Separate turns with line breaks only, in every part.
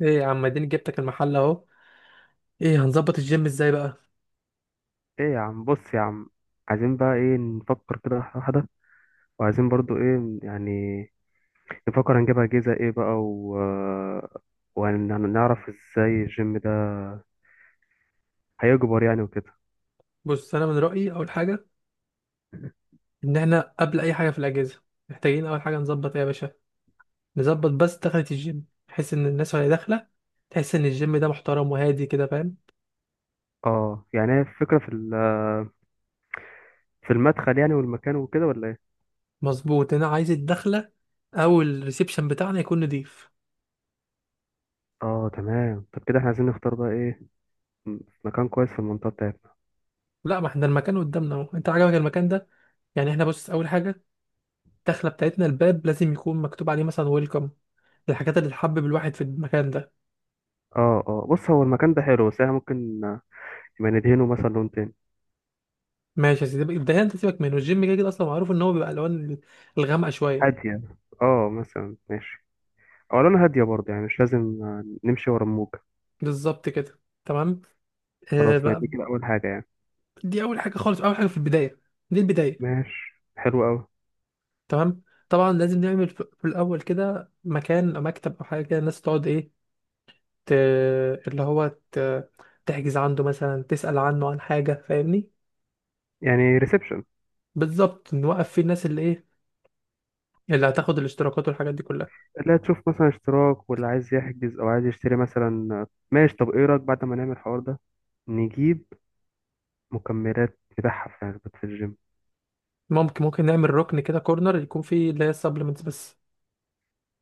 ايه يا عم، اديني جبتك المحل اهو. ايه، هنظبط الجيم ازاي بقى؟
ايه يا عم، بص يا عم. عايزين بقى ايه؟ نفكر كده واحدة واحدة، وعايزين برضو ايه يعني، نفكر هنجيب أجهزة ايه بقى و... آه، وهنعرف ازاي الجيم ده هيكبر يعني وكده.
بص انا من رايي اول حاجه ان احنا قبل اي حاجه في الاجهزه محتاجين اول حاجه نظبط ايه يا باشا. نظبط بس دخلة الجيم بحيث ان الناس وهي داخله تحس ان الجيم ده محترم وهادي كده، فاهم؟
اه يعني هي الفكرة في في المدخل يعني والمكان وكده، ولا ايه؟
مظبوط، انا عايز الدخله او الريسبشن بتاعنا يكون نضيف.
اه تمام. طب كده احنا عايزين نختار بقى ايه، م- مكان كويس في المنطقة بتاعتنا.
لا، ما احنا المكان قدامنا اهو، انت عجبك المكان ده؟ يعني احنا بص، اول حاجه الدخله بتاعتنا، الباب لازم يكون مكتوب عليه مثلا ويلكم، الحاجات اللي تحبب الواحد في المكان ده.
اه اه، بص هو المكان ده حلو، بس احنا ممكن يبقى ندهنه مثلا لون تاني
ماشي يا سيدي، الدهان انت سيبك منه، الجيم كده كده اصلا معروف ان هو بيبقى الوان الغامقه شويه.
هادية. اه مثلا ماشي، او لون هادية برضه، يعني مش لازم نمشي ورا الموج.
بالظبط كده تمام. آه
خلاص، ما
بقى،
دي كده اول حاجه يعني.
دي اول حاجه خالص، اول حاجه في البدايه، دي البدايه.
ماشي حلو قوي.
تمام. طبعا لازم نعمل في الاول كده مكان أو مكتب او حاجه كده الناس تقعد ايه، ت... اللي هو تحجز عنده، مثلا تسال عنه عن حاجه، فاهمني؟
يعني ريسبشن؟
بالظبط، نوقف فيه الناس اللي ايه، اللي هتاخد الاشتراكات والحاجات دي كلها.
لا، تشوف مثلا اشتراك ولا عايز يحجز او عايز يشتري مثلا. ماشي، طب ايه رايك بعد ما نعمل الحوار ده نجيب مكملات نبيعها في علبة في الجيم.
ممكن نعمل ركن كده، كورنر يكون فيه اللي هي السبلمنتس بس.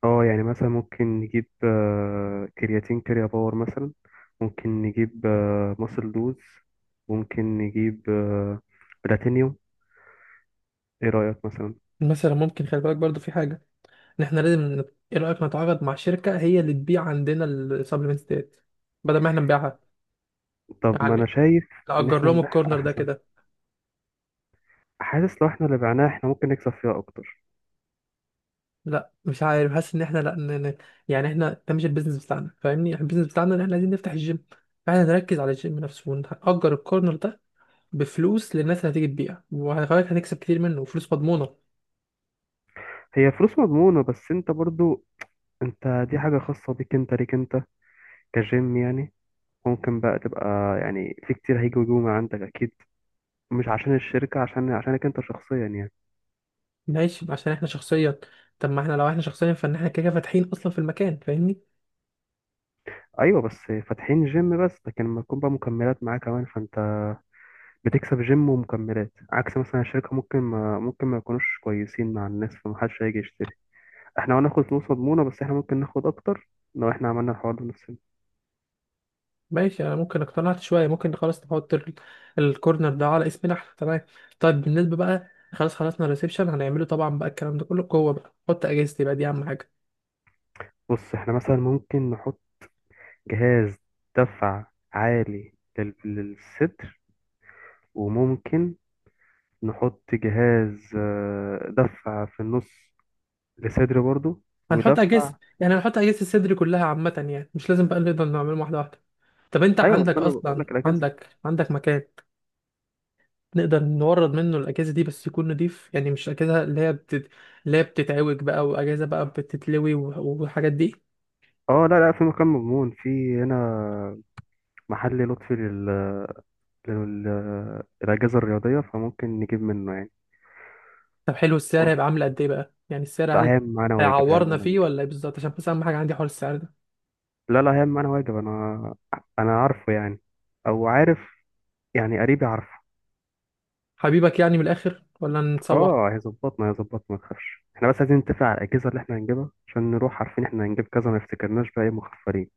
اه يعني مثلا ممكن نجيب كرياتين كريا باور مثلا. ممكن نجيب ماسل دوز. ممكن نجيب بلاتينيوم. ايه رأيك مثلا؟
مثلا ممكن، خلي بالك برضو في حاجه، ان احنا لازم ايه رايك نتعاقد مع شركه هي اللي تبيع عندنا السبلمنتس ديت بدل ما احنا نبيعها؟
طب ما انا
يعني
شايف ان
نأجر
احنا
لهم
نبيعها
الكورنر ده
احسن.
كده.
حاسس لو احنا اللي بعناها احنا ممكن نكسب فيها اكتر.
لا، مش عارف، حاسس ان احنا لا ن... ن- يعني احنا ده مش البيزنس بتاعنا، فاهمني؟ إحنا البيزنس بتاعنا ان احنا عايزين نفتح الجيم، فاحنا نركز على الجيم نفسه ونأجر الكورنر ده بفلوس للناس اللي هتيجي تبيع، وهنخليك هنكسب كتير منه وفلوس مضمونه.
هي فلوس مضمونة، بس انت برضو، انت دي حاجة خاصة بيك انت، ليك انت كجيم يعني. ممكن بقى تبقى، يعني في كتير هيجوا يجوا من عندك اكيد، مش عشان الشركة، عشان عشانك انت شخصيا يعني.
ماشي، عشان احنا شخصيا؟ طب ما احنا لو احنا شخصيا فان احنا كده كده فاتحين اصلا في المكان، فاهمني؟
ايوه بس فاتحين جيم بس، لكن لما تكون بقى مكملات معاه كمان فانت بتكسب جيم ومكملات. عكس مثلا الشركة، ممكن ما يكونوش كويسين مع الناس فمحدش هيجي يشتري. احنا هناخد فلوس مضمونة، بس احنا ممكن ناخد اكتر لو احنا عملنا الحوار ده بنفسنا.
ماشي، انا ممكن اقتنعت شويه، ممكن خلاص نحط الكورنر ده على اسمنا احنا، تمام. طيب بالنسبه بقى، خلاص خلصنا الريسبشن هنعمله طبعا بقى، الكلام ده كله جوه بقى. نحط اجهزتي بقى، دي اهم حاجه.
بص، احنا مثلا ممكن نحط جهاز دفع عالي للصدر، وممكن نحط جهاز دفع في النص للصدر برضو،
هنحط
ودفع.
اجهزه، يعني هنحط اجهزه الصدر كلها عامه، يعني مش لازم بقى نقدر نعمله واحده واحده. طب انت
ايوه
عندك
بس انا بقول
اصلا،
لك الاجهزه.
عندك مكان نقدر نورد منه الاجهزه دي، بس يكون نضيف يعني، مش اجهزه اللي هي اللي هي بتتعوج بقى واجهزه بقى بتتلوي والحاجات دي.
اه لا لا، في مكان مضمون، في هنا محل لطفي لل... للاجهزه الرياضيه، فممكن نجيب منه يعني.
طب حلو، السعر
و-
هيبقى عامل قد ايه بقى؟ يعني السعر
لا
هل
هيعمل معانا واجب، هيعمل
هيعورنا
معانا
فيه
واجب.
ولا ايه بالظبط؟ عشان بس اهم حاجه عندي حوار السعر ده.
لا لا، هيعمل معانا واجب. انا، انا عارفه يعني، او عارف، يعني قريبي عارفه.
حبيبك يعني من الاخر، ولا نتسوح؟
اه هيظبطنا، ما تخافش. احنا بس عايزين نتفق على الاجهزه اللي احنا هنجيبها، عشان نروح عارفين احنا هنجيب كذا، ما نفتكرناش بقى ايه مخفرين.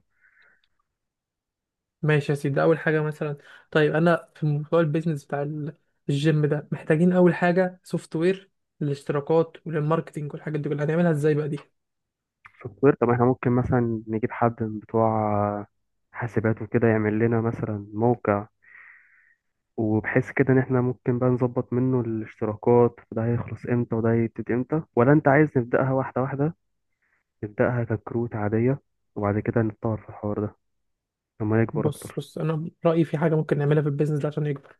ماشي يا سيدي، ده اول حاجه مثلا. طيب انا في موضوع البيزنس بتاع الجيم ده، محتاجين اول حاجه سوفت وير للاشتراكات وللماركتينج والحاجات دي كلها، هنعملها ازاي بقى دي؟
سوفت وير؟ طب احنا ممكن مثلا نجيب حد من بتوع حاسبات وكده يعمل لنا مثلا موقع، وبحيث كده ان احنا ممكن بقى نظبط منه الاشتراكات، وده هيخلص امتى وده هيبتدي امتى. ولا انت عايز نبداها واحده واحده، نبداها ككروت عاديه، وبعد كده نتطور في الحوار ده لما يكبر
بص
اكتر.
بص انا رايي في حاجه ممكن نعملها في البيزنس ده عشان يكبر.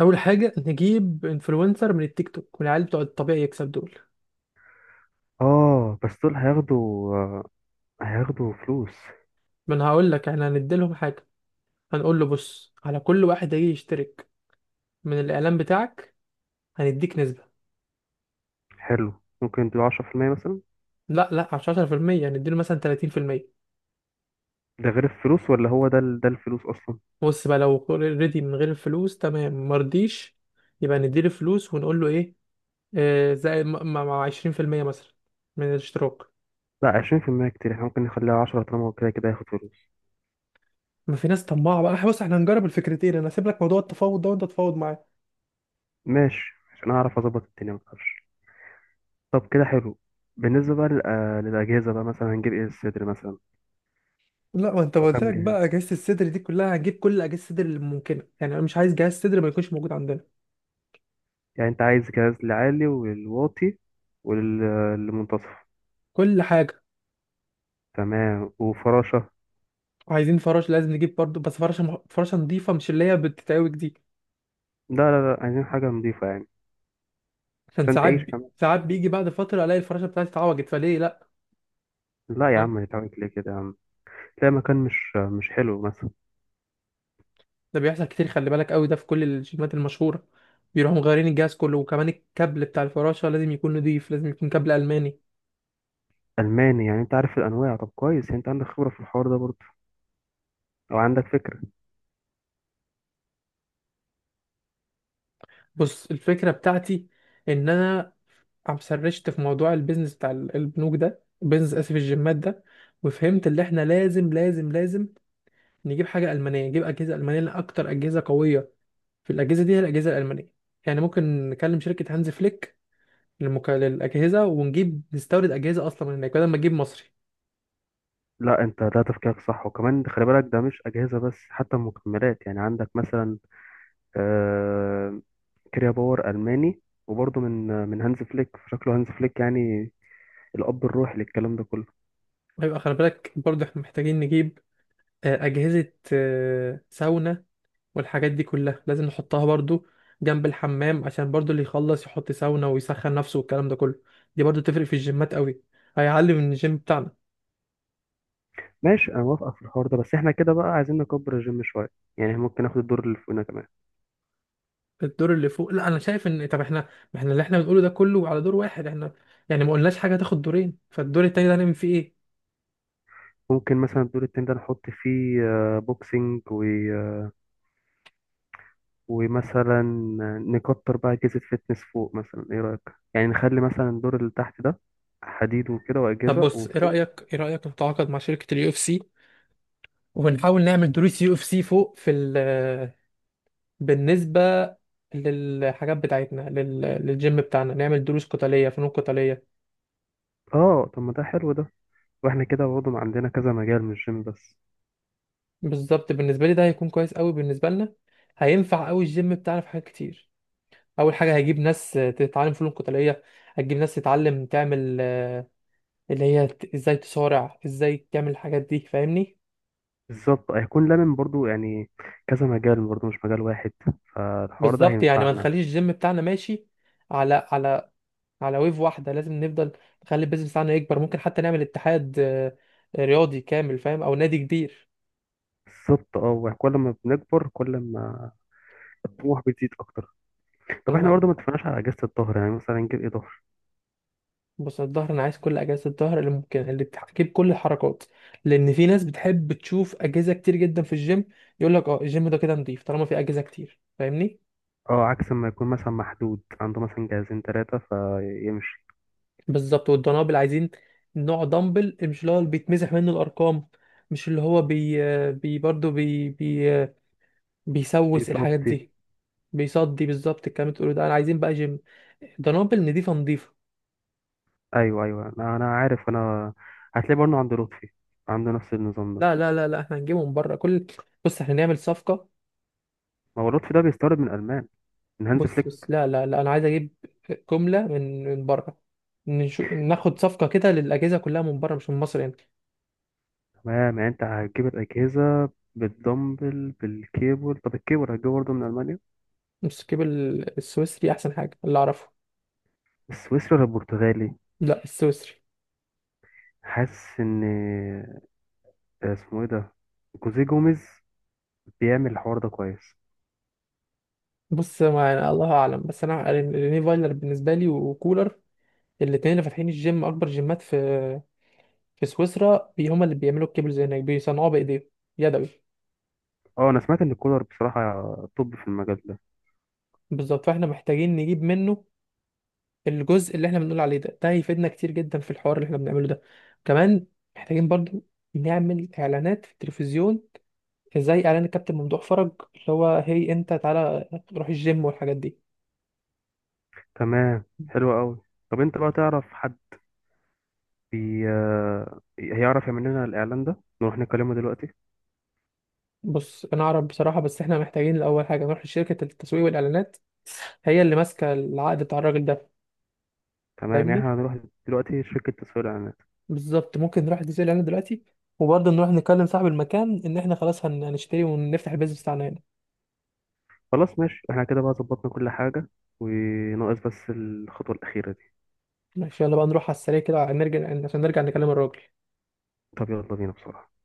اول حاجه نجيب انفلونسر من التيك توك، من العيال بتوع الطبيعي يكسب دول.
اه بس دول هياخدوا، فلوس.
ما انا هقول لك، احنا هنديلهم حاجه. هنقول له بص، على كل واحد هيجي يشترك من الاعلان بتاعك هنديك نسبه.
حلو، ممكن نديله 10% مثلا.
لا لا، مش 10%، هنديله مثلا 30%.
ده غير الفلوس، ولا هو ده ده الفلوس اصلا؟
بص بقى، لو ريدي من غير الفلوس تمام، مرضيش، يبقى نديله فلوس، ونقول له ايه، آه زي مع 20% مثلا من الاشتراك.
لا 20% كتير، احنا ممكن نخليها 10 طالما هو كده كده هياخد فلوس.
ما في ناس طماعه بقى، إحنا بص احنا هنجرب الفكرتين، انا هسيب لك موضوع التفاوض ده وانت تتفاوض معايا.
ماشي، عشان اعرف اظبط الدنيا ما تخافش. طب كده حلو. بالنسبه بقى للاجهزه بقى، مثلا هنجيب ايه؟ الصدر مثلا
لا، ما انت
او
قلت
كام
لك
جهاز؟
بقى اجهزه الصدر دي كلها هنجيب، كل اجهزه الصدر اللي ممكنه، يعني انا مش عايز جهاز صدر ما يكونش موجود عندنا.
يعني انت عايز جهاز لعالي والواطي والمنتصف؟
كل حاجه.
تمام، وفراشه.
عايزين فراش لازم نجيب برضو، بس فراشه فراشه نظيفه، مش اللي هي بتتعوج دي.
لا لا لا، عايزين حاجه نضيفه يعني.
عشان
عشان
ساعات
تعيش كمان،
ساعات بيجي بعد فتره الاقي الفراشه بتاعتي اتعوجت، فليه؟ لا.
لا يا
فاهم؟
عم نتعبك ليه كده يا عم، تلاقي مكان مش حلو مثلا.
ده بيحصل كتير، خلي بالك قوي، ده في كل الجيمات المشهوره بيروحوا مغيرين الجهاز كله. وكمان الكابل بتاع الفراشه لازم يكون نضيف، لازم يكون كابل الماني.
ألماني يعني، أنت عارف الأنواع. طب كويس، يعني أنت عندك خبرة في الحوار ده برضه، أو عندك فكرة.
بص الفكره بتاعتي ان انا عم سرشت في موضوع البيزنس بتاع البنوك ده، البيزنس اسف الجيمات ده، وفهمت اللي احنا لازم لازم لازم نجيب حاجه المانيه، نجيب اجهزه المانيه، لان اكتر اجهزه قويه في الاجهزه دي هي الاجهزه الالمانيه. يعني ممكن نكلم شركه هانز فليك للأجهزة، ونجيب نستورد أجهزة أصلا من هناك بدل ما نجيب مصري.
لا، أنت ده تفكيرك صح، وكمان خلي بالك ده مش أجهزة بس، حتى المكملات يعني. عندك مثلا آه كريا باور ألماني، وبرضه من من هانز فليك. شكله هانز فليك يعني الأب الروحي للكلام ده كله.
ويبقى خلي بالك برضه، احنا محتاجين نجيب أجهزة ساونا والحاجات دي كلها، لازم نحطها برضه جنب الحمام، عشان برضه اللي يخلص يحط ساونا ويسخن نفسه والكلام ده كله. دي برضه تفرق في الجيمات قوي، هيعلي من الجيم بتاعنا.
ماشي، أنا موافقك في الحوار ده، بس إحنا كده بقى عايزين نكبر الجيم شوية، يعني ممكن ناخد الدور اللي فوقنا كمان.
الدور اللي فوق، لا انا شايف ان، طب احنا ما احنا اللي احنا بنقوله ده كله على دور واحد احنا، يعني ما قلناش حاجه هتاخد دورين، فالدور التاني ده هنعمل فيه ايه؟
ممكن مثلا الدور التاني ده نحط فيه بوكسينج، ومثلا نكتر بقى أجهزة فتنس فوق مثلا. إيه رأيك؟ يعني نخلي مثلا الدور اللي تحت ده حديد وكده
طب
وأجهزة،
بص، ايه
وفوق.
رايك، ايه رايك نتعاقد مع شركه اليو اف سي، وبنحاول نعمل دروس يو اف سي فوق في ال، بالنسبة للحاجات بتاعتنا، للجيم بتاعنا، نعمل دروس قتالية، فنون قتالية.
آه طب ما ده حلو ده، وإحنا كده برضه عندنا كذا مجال مش جيم بس.
بالظبط، بالنسبة لي ده هيكون كويس قوي، بالنسبة لنا هينفع قوي الجيم بتاعنا في حاجات كتير. أول حاجة هيجيب ناس تتعلم فنون قتالية، هتجيب ناس تتعلم تعمل، اللي هي ازاي تصارع، ازاي تعمل الحاجات دي، فاهمني؟
بالظبط، هيكون لمن برضه يعني كذا مجال برضه، مش مجال واحد، فالحوار ده
بالظبط، يعني ما
هينفعنا.
نخليش الجيم بتاعنا ماشي على على ويف واحدة، لازم نفضل نخلي البيزنس بتاعنا يكبر، ممكن حتى نعمل اتحاد رياضي كامل، فاهم، أو نادي كبير.
بالظبط، اه كل ما بنكبر كل ما الطموح بتزيد أكتر. طب إحنا
أنا-
برضه ما اتفقناش على أجهزة الظهر. يعني مثلا نجيب إيه ظهر؟
بص الظهر، أنا عايز كل أجهزة الظهر اللي ممكن، اللي بتجيب كل الحركات، لأن في ناس بتحب تشوف أجهزة كتير جدا في الجيم، يقول لك أه الجيم ده كده نضيف، طالما في أجهزة كتير، فاهمني؟
اه، عكس ما يكون مثلا محدود عنده مثلا جهازين تلاتة فيمشي.
بالظبط، والدنابل عايزين نوع دمبل مش اللي هو اللي بيتمسح منه الأرقام، مش اللي هو بي بي برضه بي بي بيسوس، الحاجات
بالظبط.
دي بيصدي. بالظبط الكلام اللي بتقوله ده، انا عايزين بقى جيم، دنابل نضيفه نضيفه.
ايوه ايوه، أنا عارف. انا هتلاقي برضه عند لطفي عنده نفس النظام ده.
لا لا لا لا، احنا هنجيبه من بره كل، بص احنا نعمل صفقة.
ما هو لطفي ده بيستورد من المان، من هانز
بص بص،
فليك.
لا لا لا، انا عايز اجيب جملة من بره، نشوف ناخد صفقة كده للأجهزة كلها من بره، مش من مصر يعني.
تمام، يعني انت هتجيب الاجهزه بالدمبل بالكيبل. طب الكيبل هتجيبه برضه من المانيا؟
بس نجيب السويسري أحسن حاجة اللي أعرفه.
السويسري ولا البرتغالي؟
لا، السويسري.
حاسس ان اسمه ايه ده، جوزيه جوميز بيعمل الحوار ده كويس.
بص ما يعني الله أعلم، بس أنا ريني فايلر بالنسبة لي، وكولر، الاتنين اللي فاتحين الجيم أكبر جيمات في في سويسرا، هما اللي بيعملوا الكيبلز هناك، بيصنعوها بإيديهم يدوي.
اه، انا سمعت ان كولر بصراحه، طب في المجال ده.
بالظبط، فاحنا محتاجين نجيب منه الجزء اللي احنا بنقول عليه ده، ده هيفيدنا كتير جدا في الحوار اللي احنا بنعمله ده. كمان محتاجين برضو نعمل اعلانات في التلفزيون، زي اعلان الكابتن ممدوح فرج اللي هو، هي انت تعالى روح الجيم، والحاجات دي.
تمام حلو قوي. طب انت بقى تعرف حد بي... آه، هيعرف يعمل لنا الاعلان ده نروح نكلمه دلوقتي؟
بص انا اعرف بصراحة، بس احنا محتاجين الاول حاجة نروح لشركة التسويق والاعلانات، هي اللي ماسكة العقد بتاع الراجل ده،
تمام، يعني
فاهمني؟
احنا هنروح دلوقتي شركة تسويق الإعلانات.
بالظبط، ممكن نروح لتسويق الاعلانات دلوقتي، وبرضه نروح نكلم صاحب المكان ان احنا خلاص هنشتري ونفتح البيزنس بتاعنا هنا.
خلاص ماشي، احنا كده بقى ظبطنا كل حاجة، وناقص بس الخطوة الأخيرة دي.
ماشي، يلا بقى نروح على السريع كده، نرجع عشان نرجع نكلم الراجل.
طب يلا بينا بسرعة.